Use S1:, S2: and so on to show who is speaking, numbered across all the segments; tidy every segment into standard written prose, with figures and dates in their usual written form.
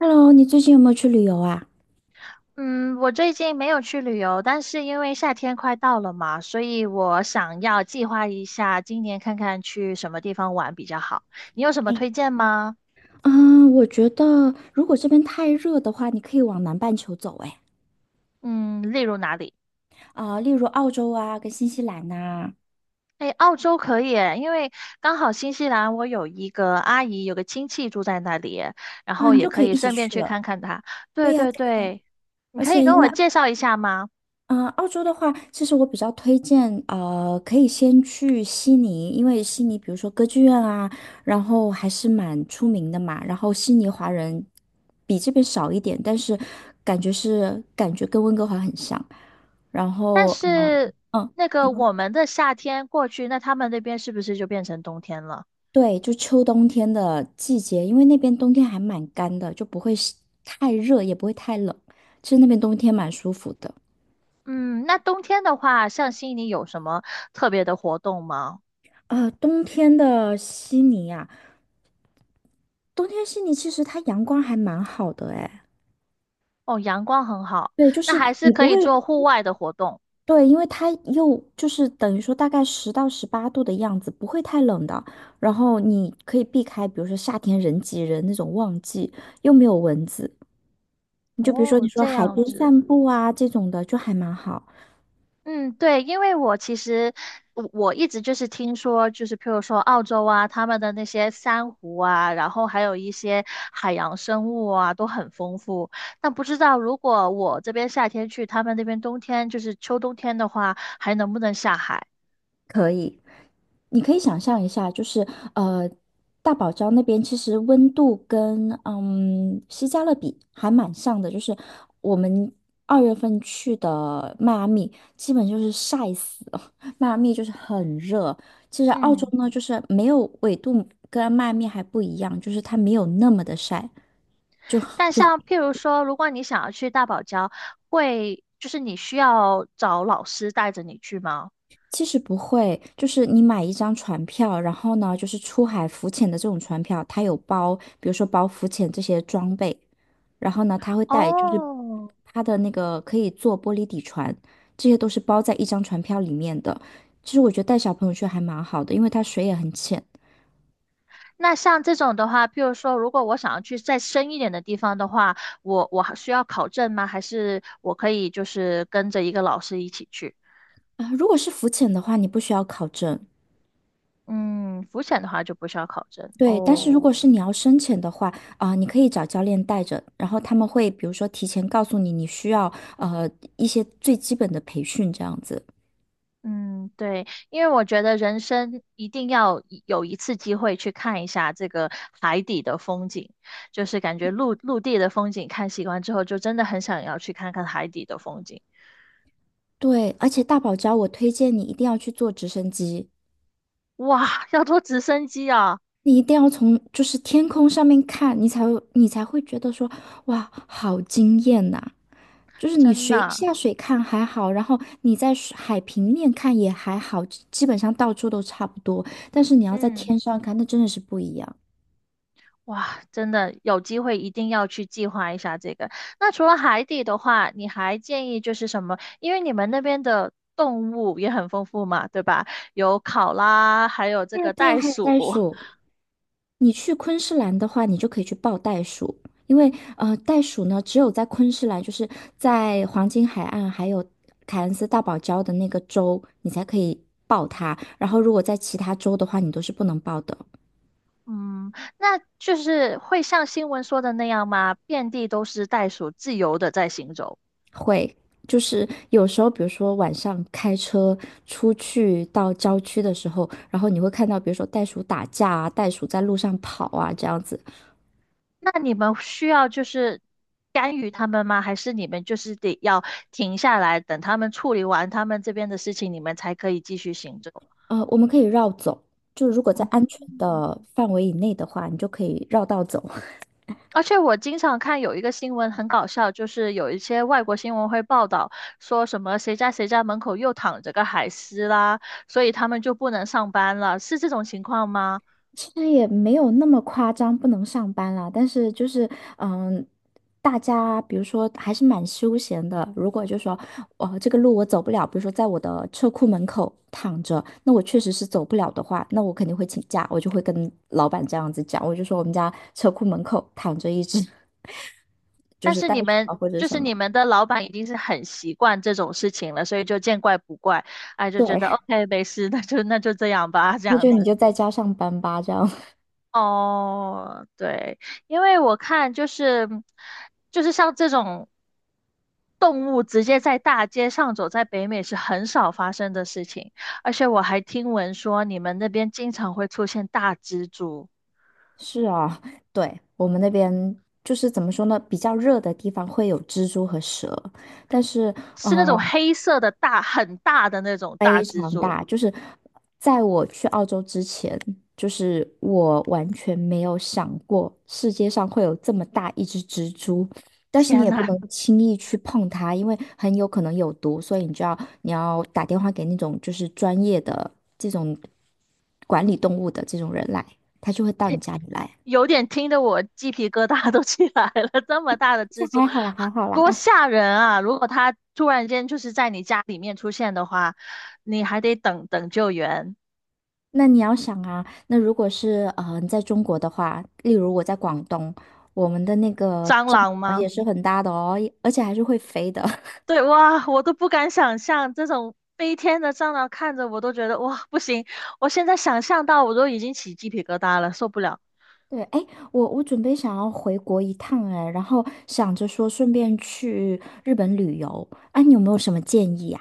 S1: Hello，你最近有没有去旅游啊？
S2: 嗯，我最近没有去旅游，但是因为夏天快到了嘛，所以我想要计划一下今年看看去什么地方玩比较好。你有什么
S1: 哎，
S2: 推荐吗？
S1: 嗯，我觉得如果这边太热的话，你可以往南半球走，哎，
S2: 嗯，例如哪里？
S1: 啊，例如澳洲啊，跟新西兰呐，
S2: 哎，澳洲可以诶，因为刚好新西兰我有一个阿姨，有个亲戚住在那里，然
S1: 啊，
S2: 后
S1: 你
S2: 也
S1: 就
S2: 可
S1: 可以
S2: 以
S1: 一起
S2: 顺便
S1: 去
S2: 去
S1: 了。
S2: 看看她。
S1: 对
S2: 对
S1: 呀，
S2: 对
S1: 对呀，
S2: 对，你
S1: 而
S2: 可
S1: 且
S2: 以
S1: 因
S2: 跟我
S1: 为
S2: 介绍一下吗？
S1: 澳洲的话，其实我比较推荐，可以先去悉尼，因为悉尼比如说歌剧院啊，然后还是蛮出名的嘛。然后悉尼华人比这边少一点，但是感觉跟温哥华很像。然
S2: 但
S1: 后
S2: 是
S1: 嗯，
S2: 那
S1: 你
S2: 个
S1: 说
S2: 我们的夏天过去，那他们那边是不是就变成冬天了？
S1: 对，就秋冬天的季节，因为那边冬天还蛮干的，就不会是太热，也不会太冷。其实那边冬天蛮舒服的。
S2: 嗯，那冬天的话，像悉尼有什么特别的活动吗？
S1: 冬天的悉尼啊，冬天悉尼其实它阳光还蛮好的哎，
S2: 哦，阳光很好，
S1: 对，就
S2: 那
S1: 是
S2: 还是
S1: 你
S2: 可
S1: 不
S2: 以
S1: 会
S2: 做户外的活动。
S1: 对，因为它又就是等于说大概10到18度的样子，不会太冷的。然后你可以避开，比如说夏天人挤人那种旺季，又没有蚊子。你就比如说
S2: 哦，
S1: 你说
S2: 这
S1: 海
S2: 样
S1: 边
S2: 子。
S1: 散步啊这种的，就还蛮好。
S2: 嗯，对，因为我其实我一直就是听说，就是譬如说澳洲啊，他们的那些珊瑚啊，然后还有一些海洋生物啊，都很丰富。但不知道如果我这边夏天去，他们那边冬天就是秋冬天的话，还能不能下海？
S1: 可以，你可以想象一下，就是呃，大堡礁那边其实温度跟西加勒比还蛮像的，就是我们2月份去的迈阿密，基本就是晒死了。迈阿密就是很热，其实澳洲
S2: 嗯。
S1: 呢就是没有纬度跟迈阿密还不一样，就是它没有那么的晒。
S2: 但像譬如说，如果你想要去大堡礁，会就是你需要找老师带着你去吗？
S1: 其实不会，就是你买一张船票，然后呢，就是出海浮潜的这种船票，它有包，比如说包浮潜这些装备。然后呢，他会带就是
S2: 哦，
S1: 他的那个可以坐玻璃底船，这些都是包在一张船票里面的。其实我觉得带小朋友去还蛮好的，因为它水也很浅
S2: 那像这种的话，譬如说，如果我想要去再深一点的地方的话，我还需要考证吗？还是我可以就是跟着一个老师一起去？
S1: 啊、如果是浮潜的话，你不需要考证。
S2: 嗯，浮潜的话就不需要考证
S1: 对，但是
S2: 哦。
S1: 如果是你要深潜的话，啊、你可以找教练带着，然后他们会比如说提前告诉你你需要呃一些最基本的培训这样子。
S2: 嗯，对，因为我觉得人生一定要一有一次机会去看一下这个海底的风景，就是感觉陆陆地的风景看习惯之后，就真的很想要去看看海底的风景。
S1: 对，而且大堡礁我推荐你一定要去坐直升机，
S2: 哇，要坐直升机啊，
S1: 你一定要从就是天空上面看，你才会觉得说，哇，好惊艳呐、就是你
S2: 真
S1: 水
S2: 的，
S1: 下水看还好，然后你在水海平面看也还好，基本上到处都差不多。但是你要在天
S2: 嗯，
S1: 上看，那真的是不一样。
S2: 哇，真的有机会一定要去计划一下这个。那除了海底的话，你还建议就是什么？因为你们那边的动物也很丰富嘛，对吧？有考拉，还有这
S1: 对呀，
S2: 个
S1: 对呀，
S2: 袋
S1: 还有
S2: 鼠。
S1: 袋鼠。你去昆士兰的话，你就可以去抱袋鼠，因为袋鼠呢，只有在昆士兰，就是在黄金海岸还有凯恩斯大堡礁的那个州，你才可以抱它。然后，如果在其他州的话，你都是不能抱的。
S2: 嗯，那就是会像新闻说的那样吗？遍地都是袋鼠，自由的在行走。
S1: 会，就是有时候，比如说晚上开车出去到郊区的时候，然后你会看到，比如说袋鼠打架啊，袋鼠在路上跑啊，这样子。
S2: 那你们需要就是干预他们吗？还是你们就是得要停下来，等他们处理完他们这边的事情，你们才可以继续行走？
S1: 我们可以绕走，就如果在
S2: 嗯，
S1: 安全的范围以内的话，你就可以绕道走。
S2: 而且我经常看有一个新闻很搞笑，就是有一些外国新闻会报道说什么谁家谁家门口又躺着个海狮啦，所以他们就不能上班了，是这种情况吗？
S1: 其实也没有那么夸张，不能上班啦，但是就是，嗯，大家比如说还是蛮休闲的。如果就说，哦，这个路我走不了，比如说在我的车库门口躺着，那我确实是走不了的话，那我肯定会请假，我就会跟老板这样子讲，我就说我们家车库门口躺着一只 就
S2: 但
S1: 是
S2: 是
S1: 袋
S2: 你
S1: 鼠
S2: 们
S1: 啊或者
S2: 就
S1: 什
S2: 是
S1: 么，
S2: 你们的老板已经是很习惯这种事情了，所以就见怪不怪，哎，就
S1: 对，
S2: 觉得 OK 没事，那就那就这样吧，这
S1: 那
S2: 样
S1: 就你
S2: 子。
S1: 就在家上班吧，这样。
S2: 哦，对，因为我看就是就是像这种动物直接在大街上走，在北美是很少发生的事情，而且我还听闻说你们那边经常会出现大蜘蛛，
S1: 是啊，对，我们那边就是怎么说呢，比较热的地方会有蜘蛛和蛇，但是
S2: 是那种
S1: 呃
S2: 黑色的大，很大的那种大
S1: 非
S2: 蜘
S1: 常
S2: 蛛。
S1: 大，就是在我去澳洲之前，就是我完全没有想过世界上会有这么大一只蜘蛛，但是你
S2: 天
S1: 也不
S2: 呐，
S1: 能轻易去碰它，因为很有可能有毒，所以你要打电话给那种就是专业的这种管理动物的这种人来，他就会到你家里来。
S2: 有点听得我鸡皮疙瘩都 起来了，这么大的
S1: 这
S2: 蜘蛛，
S1: 还好啦，还好
S2: 多
S1: 啦。
S2: 吓人啊！如果它突然间就是在你家里面出现的话，你还得等等救援。
S1: 那你要想啊，那如果是你在中国的话，例如我在广东，我们的那个
S2: 蟑
S1: 帐
S2: 螂
S1: 篷
S2: 吗？
S1: 也是很大的哦，而且还是会飞的。
S2: 对，哇，我都不敢想象这种飞天的蟑螂，看着我都觉得哇，不行！我现在想象到我都已经起鸡皮疙瘩了，受不了。
S1: 对，哎，我准备想要回国一趟，哎，然后想着说顺便去日本旅游，啊，你有没有什么建议呀、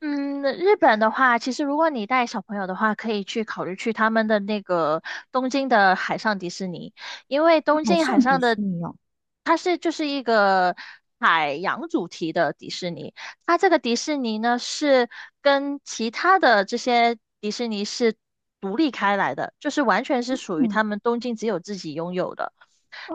S2: 嗯，日本的话，其实如果你带小朋友的话，可以去考虑去他们的那个东京的海上迪士尼，因为东
S1: 海
S2: 京海
S1: 上迪
S2: 上的
S1: 士尼哦，
S2: 它是就是一个海洋主题的迪士尼，它这个迪士尼呢是跟其他的这些迪士尼是独立开来的，就是完全是属于
S1: 嗯，
S2: 他们东京只有自己拥有的。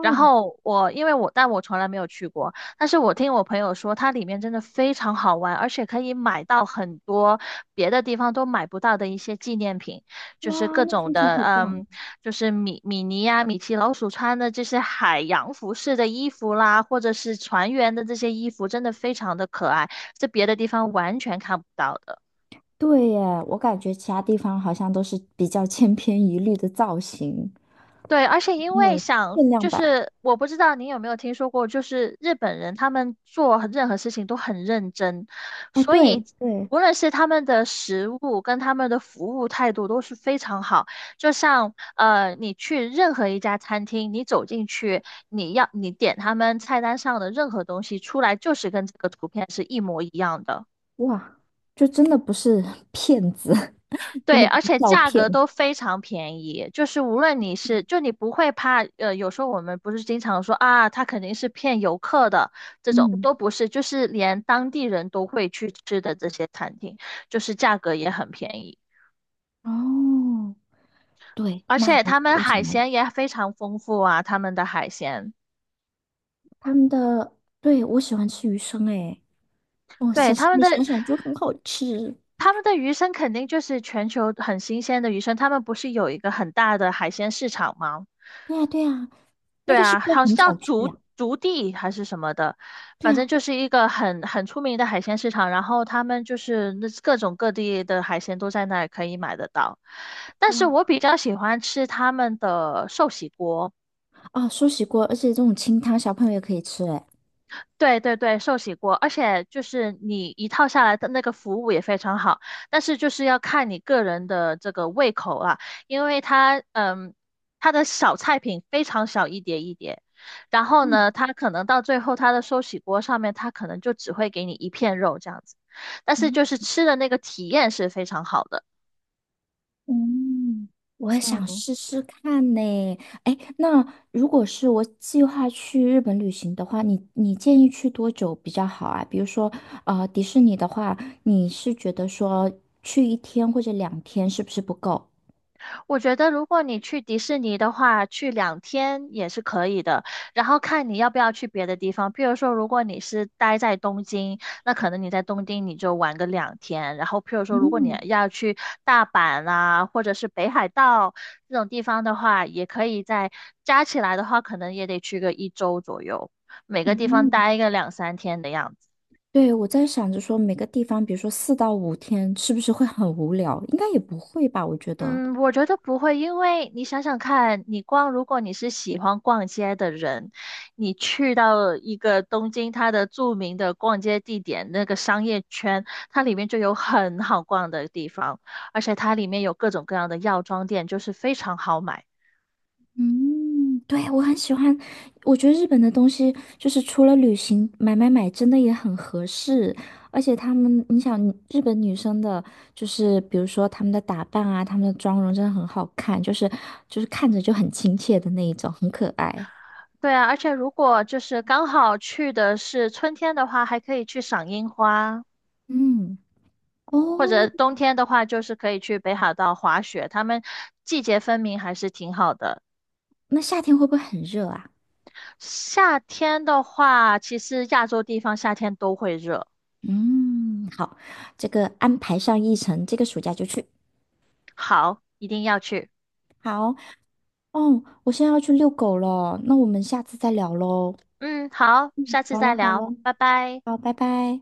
S2: 然后我因为我但我从来没有去过，但是我听我朋友说，它里面真的非常好玩，而且可以买到很多别的地方都买不到的一些纪念品，就是
S1: 哇，
S2: 各
S1: 那
S2: 种
S1: 听起来
S2: 的，
S1: 好棒。
S2: 嗯，就是米米妮呀、米奇老鼠穿的这些海洋服饰的衣服啦，或者是船员的这些衣服，真的非常的可爱，是别的地方完全看不到的。
S1: 对耶，我感觉其他地方好像都是比较千篇一律的造型，
S2: 对，而且因
S1: 没
S2: 为
S1: 有
S2: 想，
S1: 限量
S2: 就
S1: 版。
S2: 是我不知道你有没有听说过，就是日本人他们做任何事情都很认真，
S1: 哎，
S2: 所以
S1: 对对，
S2: 无论是他们的食物跟他们的服务态度都是非常好。就像你去任何一家餐厅，你走进去，你要你点他们菜单上的任何东西出来，就是跟这个图片是一模一样的。
S1: 哇，就真的不是 骗子，真
S2: 对，
S1: 的不
S2: 而
S1: 是
S2: 且
S1: 照
S2: 价
S1: 片。
S2: 格都非常便宜，就是无论你是，就你不会怕，有时候我们不是经常说啊，他肯定是骗游客的，这种
S1: 嗯，
S2: 都不是，就是连当地人都会去吃的这些餐厅，就是价格也很便宜，
S1: 哦，对，
S2: 而
S1: 那
S2: 且
S1: 个
S2: 他们
S1: 我
S2: 海
S1: 想了
S2: 鲜也非常丰富啊，他们的海鲜，
S1: 他们的，对，我喜欢吃鱼生诶，哦，
S2: 对，
S1: 想
S2: 他们
S1: 你想
S2: 的
S1: 想就很好吃。
S2: 他们的鱼生肯定就是全球很新鲜的鱼生，他们不是有一个很大的海鲜市场吗？
S1: 对呀，对呀，那
S2: 对
S1: 个是
S2: 啊，
S1: 不
S2: 好像
S1: 是很
S2: 叫
S1: 早去
S2: 竹
S1: 啊？
S2: 竹地还是什么的，
S1: 对
S2: 反正
S1: 啊，
S2: 就是一个很出名的海鲜市场。然后他们就是那各种各地的海鲜都在那儿可以买得到。但是
S1: 哇，
S2: 我比较喜欢吃他们的寿喜锅，
S1: 啊，寿喜锅，而且这种清汤小朋友也可以吃诶。
S2: 对对对，寿喜锅，而且就是你一套下来的那个服务也非常好，但是就是要看你个人的这个胃口啊，因为它它的小菜品非常小一碟一碟，然后
S1: 嗯
S2: 呢，它可能到最后它的寿喜锅上面，它可能就只会给你一片肉这样子，但是就是吃的那个体验是非常好的。
S1: 嗯，我也想
S2: 嗯。
S1: 试试看呢。哎，那如果是我计划去日本旅行的话，你建议去多久比较好啊？比如说，迪士尼的话，你是觉得说去1天或者2天是不是不够？
S2: 我觉得如果你去迪士尼的话，去两天也是可以的，然后看你要不要去别的地方。譬如说，如果你是待在东京，那可能你在东京你就玩个两天。然后，譬如说，如果你
S1: 嗯
S2: 要去大阪啊，或者是北海道这种地方的话，也可以在加起来的话，可能也得去个1周左右，每个地方
S1: 嗯
S2: 待个2、3天的样子。
S1: 对，我在想着说每个地方，比如说4到5天，是不是会很无聊？应该也不会吧，我觉得。
S2: 嗯，我觉得不会，因为你想想看，你逛，如果你是喜欢逛街的人，你去到一个东京它的著名的逛街地点，那个商业圈，它里面就有很好逛的地方，而且它里面有各种各样的药妆店，就是非常好买。
S1: 嗯，对，我很喜欢，我觉得日本的东西就是除了旅行买买买，真的也很合适。而且他们，你想日本女生的，就是比如说她们的打扮啊，她们的妆容真的很好看，就是看着就很亲切的那一种，很可爱。
S2: 对啊，而且如果就是刚好去的是春天的话，还可以去赏樱花，
S1: 嗯，
S2: 或
S1: 哦，
S2: 者冬天的话，就是可以去北海道滑雪，他们季节分明，还是挺好的。
S1: 那夏天会不会很热啊？
S2: 夏天的话，其实亚洲地方夏天都会热。
S1: 嗯，好，这个安排上议程，这个暑假就去。
S2: 好，一定要去。
S1: 好，哦，我现在要去遛狗了，那我们下次再聊喽。
S2: 嗯，好，下
S1: 嗯，
S2: 次
S1: 好了
S2: 再
S1: 好
S2: 聊，
S1: 了。
S2: 拜拜。
S1: 好，拜拜。